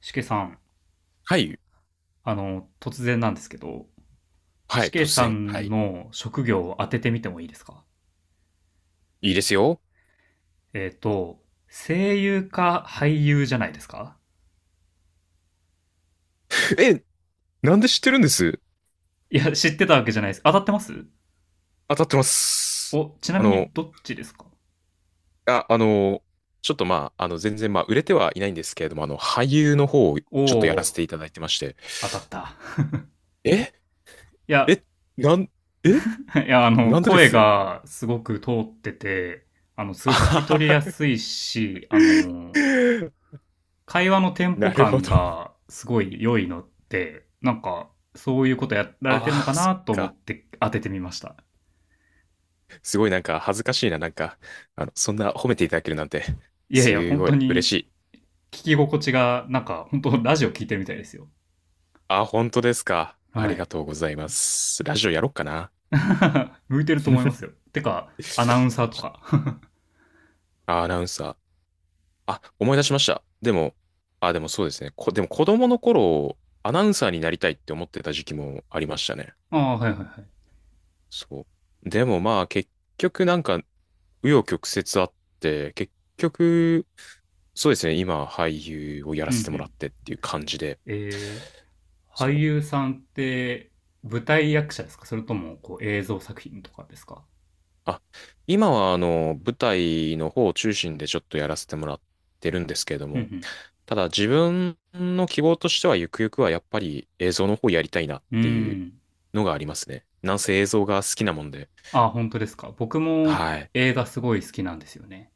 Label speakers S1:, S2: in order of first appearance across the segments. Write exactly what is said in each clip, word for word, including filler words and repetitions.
S1: しけさん、
S2: はい。
S1: あの、突然なんですけど、
S2: は
S1: し
S2: い。
S1: け
S2: 突
S1: さ
S2: 然。は
S1: ん
S2: い。
S1: の職業を当ててみてもいいですか？
S2: いいですよ。
S1: えっ、と、声優か俳優じゃないですか？
S2: え、なんで知ってるんです？
S1: いや、知ってたわけじゃないです。当たってます。
S2: 当たってます。
S1: お、ちな
S2: あ
S1: み
S2: の、
S1: にどっちですか？
S2: あ、あの、ちょっとまあ、あの、全然まあ、売れてはいないんですけれども、あの、俳優の方をち
S1: お
S2: ょっとやらせ
S1: おー、
S2: ていただいてまして。
S1: 当たった。
S2: え、
S1: いや、
S2: え、なん、え、
S1: いや、あの、
S2: なんでで
S1: 声
S2: す？
S1: がすごく通ってて、あの、す
S2: あ
S1: ごい聞
S2: は
S1: き
S2: は
S1: 取りや
S2: は。
S1: すいし、あの、会話のテン
S2: な
S1: ポ
S2: るほ
S1: 感
S2: ど。
S1: がすごい良いのって、なんか、そういうことやられてるの
S2: あ
S1: か
S2: あ、そ
S1: な
S2: っ
S1: と思
S2: か。
S1: って当ててみました。
S2: すごいなんか恥ずかしいな。なんか、あの、そんな褒めていただけるなんて、
S1: いやいや、
S2: す
S1: 本
S2: ご
S1: 当
S2: い嬉し
S1: に
S2: い。
S1: 聞き心地が、なんか、本当ラジオ聞いてるみたいですよ。
S2: あ、本当ですか。あ
S1: は
S2: りが
S1: い。
S2: とうございます。ラジオやろっかな。
S1: 向いてると思います よ。てか、アナウンサーとか。
S2: あ、アナウンサー。あ、思い出しました。でも、あ、でもそうですね。こ、でも子供の頃、アナウンサーになりたいって思ってた時期もありましたね。
S1: ああ、はいはいはい。
S2: そう。でもまあ、結局なんか、紆余曲折あって、結局、そうですね。今、俳優をやら
S1: うんう
S2: せてもら
S1: ん。
S2: ってっていう感じで、
S1: えー、俳
S2: そう。
S1: 優さんって舞台役者ですか、それともこう映像作品とかですか？
S2: あ、今はあの、舞台の方を中心でちょっとやらせてもらってるんですけれど
S1: う
S2: も、
S1: ん
S2: ただ自分の希望としてはゆくゆくはやっぱり映像の方やりたいなっ
S1: うん。う
S2: ていう
S1: ーん。
S2: のがありますね。なんせ映像が好きなもんで。
S1: ああ、本当ですか。僕も
S2: はい。
S1: 映画すごい好きなんですよね。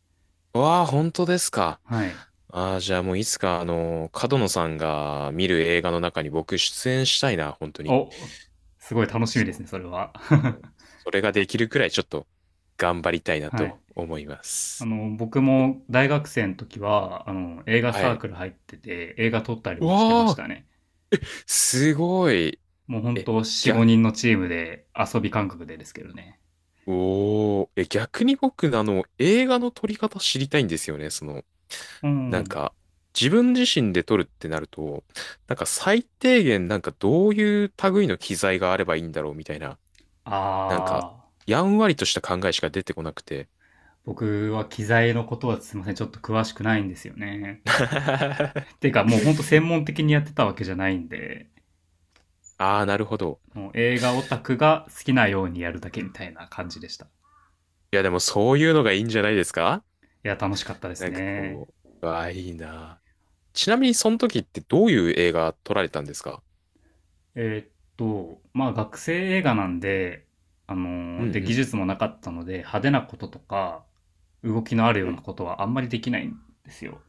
S2: わあ、本当ですか。
S1: はい。
S2: ああ、じゃあもういつかあの、角野さんが見る映画の中に僕出演したいな、本当に。
S1: お、すごい楽しみです
S2: そ
S1: ね、それは。
S2: う。もうそれができるくらいちょっと頑張りたい な
S1: はい。
S2: と思いま
S1: あ
S2: す。
S1: の、僕も大学生の時は、あの、映画
S2: は
S1: サー
S2: い。
S1: クル入ってて、映画撮ったり
S2: わ
S1: もしてまし
S2: あ、
S1: たね。
S2: すごい。
S1: もう本
S2: え、
S1: 当よんとよん、
S2: 逆
S1: ごにんのチームで遊び感覚でですけどね。
S2: おお、え、逆に僕、あの、映画の撮り方知りたいんですよね。その、
S1: う
S2: なん
S1: ん。
S2: か、自分自身で撮るってなると、なんか最低限、なんかどういう類の機材があればいいんだろうみたいな、なんか、
S1: あ
S2: やんわりとした考えしか出てこなくて。
S1: ー、僕は機材のことはすいません、ちょっと詳しくないんですよね。てかもう本当専門的にやってたわけじゃないんで、
S2: ああ、なるほど。
S1: もう映画オタクが好きなようにやるだけみたいな感じでした。い
S2: いや、でもそういうのがいいんじゃないですか？
S1: や、楽しかったです
S2: なんか
S1: ね。
S2: こう、わあ、いいな。ちなみに、その時ってどういう映画撮られたんですか？
S1: えーっと、まあ学生映画なんで、あ
S2: う
S1: のーで、技
S2: んう
S1: 術もなかったので、派手なこととか、動きのある
S2: ん
S1: よ
S2: う
S1: うな
S2: ん。
S1: ことはあんまりできないんですよ。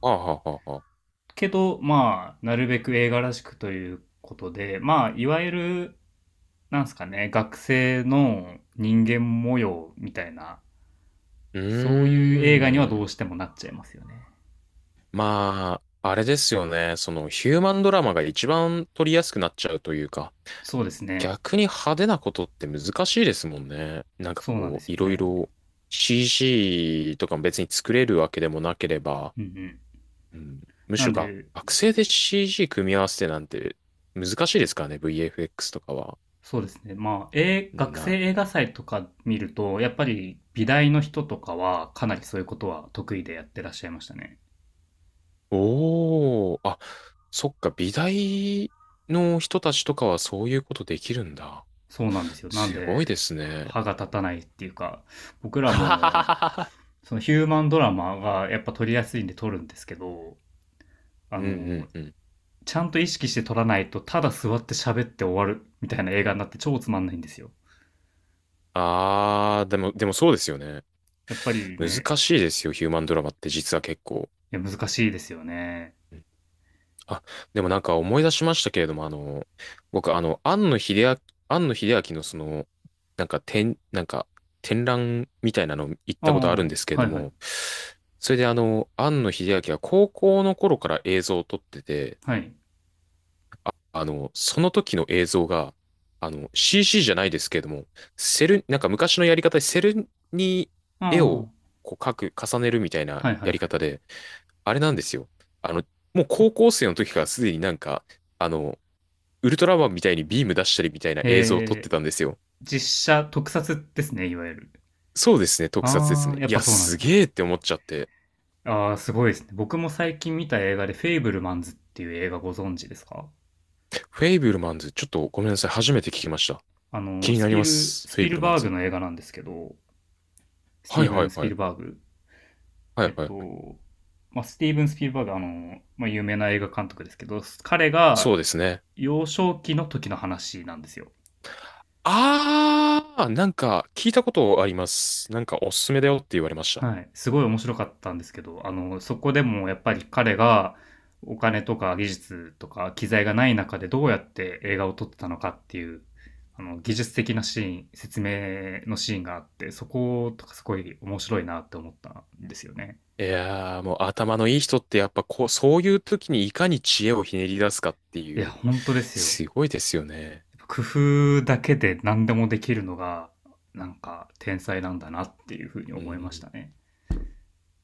S2: はあはあはあはあ。
S1: けど、まあ、なるべく映画らしくということで、まあ、いわゆる、なんすかね、学生の人間模様みたいな、
S2: う
S1: そういう映画にはど
S2: ー
S1: う
S2: ん。
S1: してもなっちゃいますよね。
S2: まあ、あれですよね。そのヒューマンドラマが一番撮りやすくなっちゃうというか、
S1: そうですね。
S2: 逆に派手なことって難しいですもんね。なんか
S1: そうなんで
S2: こ
S1: す
S2: う、い
S1: よ
S2: ろい
S1: ね。
S2: ろ シージー とかも別に作れるわけでもなければ、
S1: うんうん。
S2: うん、むし
S1: なん
S2: ろが
S1: で、
S2: 学生で シージー 組み合わせてなんて難しいですからね。ブイエフエックス とかは。
S1: そうですね。まあ、えー学
S2: な、
S1: 生映画祭とか見ると、やっぱり美大の人とかはかなりそういうことは得意でやってらっしゃいましたね。
S2: おー、あ、そっか、美大の人たちとかはそういうことできるんだ。
S1: そうなんですよ。なん
S2: すごい
S1: で、
S2: ですね。
S1: 歯が立たないっていうか、僕 ら
S2: ははは
S1: も、
S2: はは。
S1: そのヒューマンドラマがやっぱ撮りやすいんで撮るんですけど、あ
S2: うんう
S1: の、
S2: んうん。
S1: ちゃんと意識して撮らないと、ただ座って喋って終わるみたいな映画になって超つまんないんですよ。
S2: ああ、でも、でもそうですよね。
S1: やっぱりね、
S2: 難しいですよ、ヒューマンドラマって実は結構。
S1: いや難しいですよね。
S2: うん。あ、でもなんか思い出しましたけれども、あの、僕、あの、庵野秀明、庵野秀明のその、なんか展、なんか展覧みたいなの行っ
S1: あ
S2: たことあるん
S1: あ、
S2: ですけれ
S1: は
S2: ど
S1: いはい。
S2: も、それであの、庵野秀明は高校の頃から映像を撮ってて、
S1: はい。
S2: あの、その時の映像が、あの、シーシー じゃないですけれども、セル、なんか昔のやり方でセルに
S1: ああ、
S2: 絵
S1: は
S2: をこう描く、重ねるみたい
S1: い
S2: な
S1: はいは
S2: や
S1: い。
S2: り方で、あれなんですよ。あの、もう高校生の時からすでになんか、あの、ウルトラマンみたいにビーム出したりみたいな映像を撮っ
S1: へ
S2: て
S1: え、
S2: たんですよ。
S1: 実写特撮ですね、いわゆる。
S2: そうですね、特撮です
S1: あー、
S2: ね。
S1: やっ
S2: い
S1: ぱ
S2: や、
S1: そうなん
S2: す
S1: だ。
S2: げえって思っちゃって。
S1: あー、すごいですね。僕も最近見た映画で、フェイブルマンズっていう映画ご存知ですか？
S2: フェイブルマンズ、ちょっとごめんなさい、初めて聞きました。
S1: あ
S2: 気
S1: の、
S2: に
S1: ス
S2: なり
S1: ピ
S2: ま
S1: ル、
S2: す、
S1: ス
S2: フェイ
S1: ピ
S2: ブ
S1: ル
S2: ルマン
S1: バーグ
S2: ズ。
S1: の映画なんですけど、ステ
S2: は
S1: ィ
S2: い
S1: ーブ
S2: は
S1: ン・
S2: い
S1: ス
S2: は
S1: ピ
S2: い。
S1: ルバーグ。
S2: はい
S1: えっ
S2: はいはい。
S1: と、まあ、スティーブン・スピルバーグ、あの、まあ、有名な映画監督ですけど、彼
S2: そ
S1: が
S2: うですね。
S1: 幼少期の時の話なんですよ。
S2: ああ、なんか聞いたことあります。なんかおすすめだよって言われました。
S1: はい。すごい面白かったんですけど、あの、そこでもやっぱり彼がお金とか技術とか機材がない中でどうやって映画を撮ってたのかっていう、あの、技術的なシーン、説明のシーンがあって、そことかすごい面白いなって思ったんですよね。
S2: いやー、もう頭のいい人ってやっぱこう、そういう時にいかに知恵をひねり出すかって
S1: いや、
S2: いう、
S1: 本当ですよ。
S2: すごいですよね。
S1: やっぱ工夫だけで何でもできるのが、なんか天才なんだなっていうふうに
S2: う
S1: 思いまし
S2: ん。
S1: たね。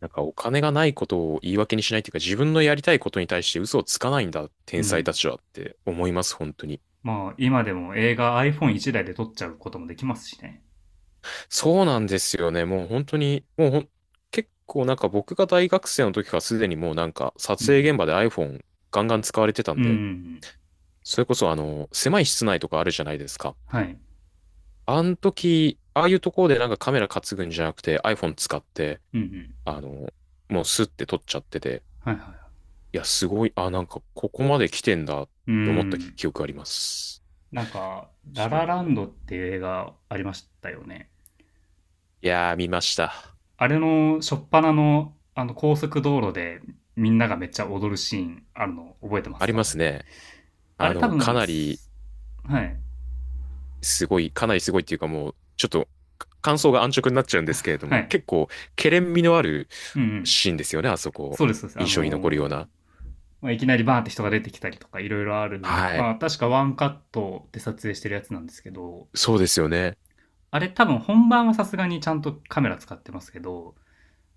S2: なんかお金がないことを言い訳にしないっていうか、自分のやりたいことに対して嘘をつかないんだ、
S1: う
S2: 天才た
S1: ん。
S2: ちはって思います、本当に。
S1: まあ、今でも映画 アイフォンワン 台で撮っちゃうこともできますしね。
S2: そうなんですよね。もう本当に、もうほん、結構なんか僕が大学生の時からすでにもうなんか
S1: う
S2: 撮影
S1: ん。
S2: 現場で iPhone ガンガン使われてた
S1: う
S2: ん
S1: んうんう
S2: で、
S1: ん。
S2: それこそあの、狭い室内とかあるじゃないですか。
S1: はい。
S2: あの時、ああいうところでなんかカメラ担ぐんじゃなくて iPhone 使って、
S1: うんうん。
S2: あの、もうスッて撮っちゃってて、
S1: はいはいはい。
S2: いや、すごい、あ、なんかここまで来てんだっ
S1: う
S2: て思った
S1: ん。
S2: 記憶あります。
S1: なんか、ラ
S2: そ
S1: ララ
S2: う。
S1: ンドっていう映画ありましたよね。
S2: いやー、見ました。
S1: あれの初っ端のあの高速道路でみんながめっちゃ踊るシーンあるの覚えてま
S2: あ
S1: す
S2: りま
S1: か？
S2: すね。
S1: あ
S2: あ
S1: れ多
S2: の、か
S1: 分、
S2: なり
S1: すはい。
S2: すごい、かなりすごいっていうかもう、ちょっと感想が安直になっちゃうんですけれど
S1: は
S2: も、
S1: い。
S2: 結構、けれん味のある
S1: うんうん。
S2: シーンですよね、あそこ。
S1: そうです、そうです。
S2: 印
S1: あの
S2: 象に残るよう
S1: ー
S2: な。
S1: まあ、いきなりバーンって人が出てきたりとかいろいろある。
S2: は
S1: ま
S2: い。
S1: あ確かワンカットで撮影してるやつなんですけど、
S2: そうですよね。
S1: あれ多分本番はさすがにちゃんとカメラ使ってますけど、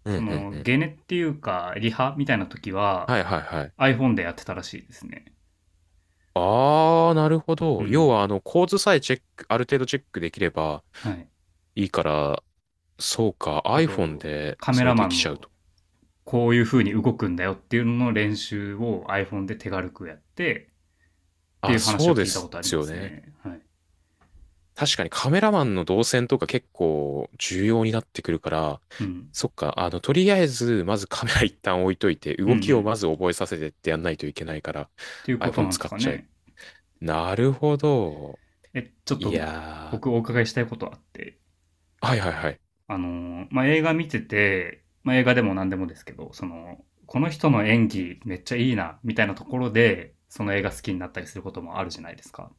S2: うん
S1: そ
S2: うんう
S1: の、
S2: ん。
S1: ゲネっていうか、リハみたいな時は
S2: はいはいはい。
S1: iPhone でやってたらしいですね。
S2: ああ、なるほ
S1: う
S2: ど。要
S1: ん。
S2: は、あの、構図さえチェック、ある程度チェックできれば
S1: はい。
S2: いいから、そうか、
S1: あ
S2: iPhone
S1: と、
S2: で
S1: カメ
S2: それ
S1: ラ
S2: で
S1: マ
S2: き
S1: ン
S2: ちゃう
S1: の
S2: と。
S1: こういう風に動くんだよっていうのの練習を iPhone で手軽くやってってい
S2: あ、
S1: う話
S2: そ
S1: を
S2: うで
S1: 聞いたこ
S2: す
S1: とありま
S2: よ
S1: す
S2: ね。
S1: ね。はい。
S2: 確かにカメラマンの動線とか結構重要になってくるから、
S1: うん。
S2: そっか、あの、とりあえず、まずカメラ一旦置いといて、
S1: うんう
S2: 動きを
S1: ん。
S2: まず覚えさせてってやんないといけないから、
S1: っていうこと
S2: iPhone
S1: なんで
S2: 使
S1: す
S2: っ
S1: か
S2: ちゃえ。
S1: ね。
S2: なるほど。
S1: え、ちょっ
S2: い
S1: と
S2: や
S1: 僕お伺いしたいことあって。
S2: ー。はいはいはい。
S1: あの、まあ、映画見てて、まあ、映画でも何でもですけど、その、この人の演技めっちゃいいな、みたいなところで、その映画好きになったりすることもあるじゃないですか。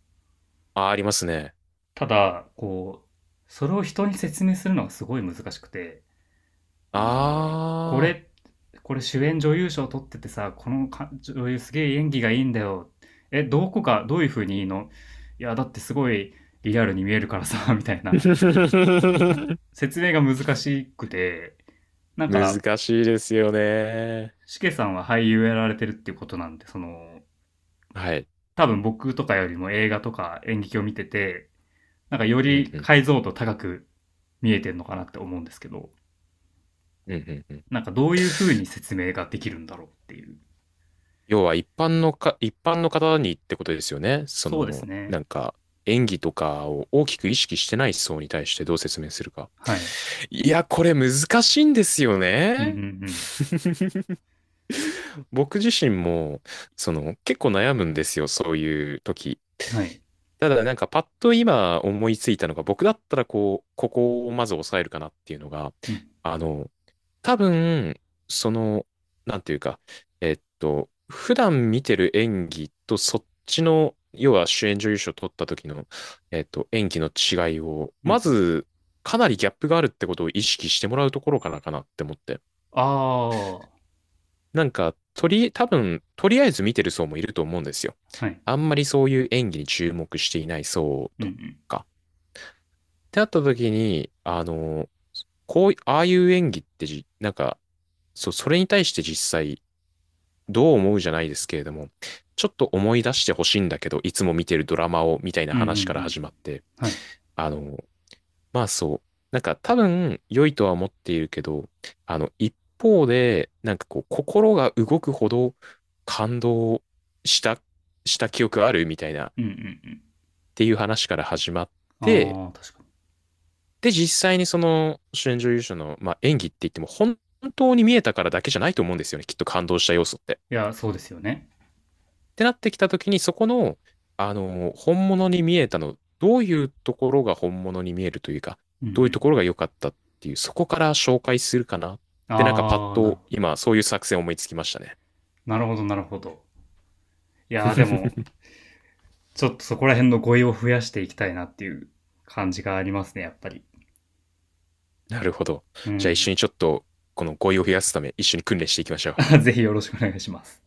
S2: あ、ありますね。
S1: ただ、こう、それを人に説明するのがすごい難しくて、あの、こ
S2: あー、
S1: れ、これ主演女優賞取っててさ、この女優すげえ演技がいいんだよ。え、どこか、どういう風にいいの？いや、だってすごいリアルに見えるからさ、みたいな。説明が難しくて、なんか
S2: 難しいですよね。
S1: しけさんは俳優やられてるっていうことなんで、その、
S2: はい。
S1: 多分僕とかよりも映画とか演劇を見てて、なんかよ
S2: うん
S1: り
S2: うん
S1: 解像度高く見えてるのかなって思うんですけど、
S2: うんうんうん。
S1: なんかどういう風に説明ができるんだろうっていう。
S2: 要は一般のか、一般の方にってことですよね。そ
S1: そうです
S2: の、
S1: ね。
S2: なんか、演技とかを大きく意識してない層に対してどう説明するか。
S1: はい。
S2: いや、これ難しいんですよ
S1: うんう
S2: ね。
S1: ん
S2: 僕自身も、その、結構悩むんですよ、そういう時。
S1: うん。はい。
S2: ただ、なんか、パッと今思いついたのが、僕だったら、こう、ここをまず抑えるかなっていうのが、
S1: うん
S2: あの、多分、その、なんていうか、えっと、普段見てる演技とそっちの、要は主演女優賞取った時の、えっと、演技の違いを、
S1: うんう
S2: ま
S1: ん。
S2: ず、かなりギャップがあるってことを意識してもらうところからかなって思って。
S1: ああ、は
S2: なんか、とり、多分、とりあえず見てる層もいると思うんですよ。
S1: い。
S2: あんまりそういう演技に注目していない層
S1: うんう
S2: と
S1: ん。
S2: か。ってなった時に、あの、こうい、ああいう演技ってじ、なんか、そう、それに対して実際、どう思うじゃないですけれども、ちょっと思い出してほしいんだけど、いつも見てるドラマを、みたいな
S1: うんうんう
S2: 話から
S1: ん。
S2: 始まって、
S1: はい。
S2: あの、まあそう、なんか多分良いとは思っているけど、あの、一方で、なんかこう、心が動くほど感動した、した記憶あるみたいな、っ
S1: うんうん
S2: ていう話から始まっ
S1: う
S2: て、
S1: ん。ああ、確かに。
S2: で、実際にその主演女優賞の、まあ、演技って言っても、本当に見えたからだけじゃないと思うんですよね、きっと感動した要素って。
S1: いや、そうですよね。
S2: てなってきたときに、そこの、あの、本物に見えたの、どういうところが本物に見えるというか、
S1: うんう
S2: どういうと
S1: ん。
S2: ころが良かったっていう、そこから紹介するかなって、なんかパッ
S1: ああ、なる
S2: と
S1: ほど。
S2: 今、そういう作戦思いつきましたね。
S1: なるほど、なるほど。いやー、でも、ちょっとそこら辺の語彙を増やしていきたいなっていう感じがありますね、やっぱり。
S2: なるほど。
S1: う
S2: じゃあ一
S1: ん。
S2: 緒にちょっと、この語彙を増やすため、一緒に訓練していきましょう。
S1: ぜひよろしくお願いします。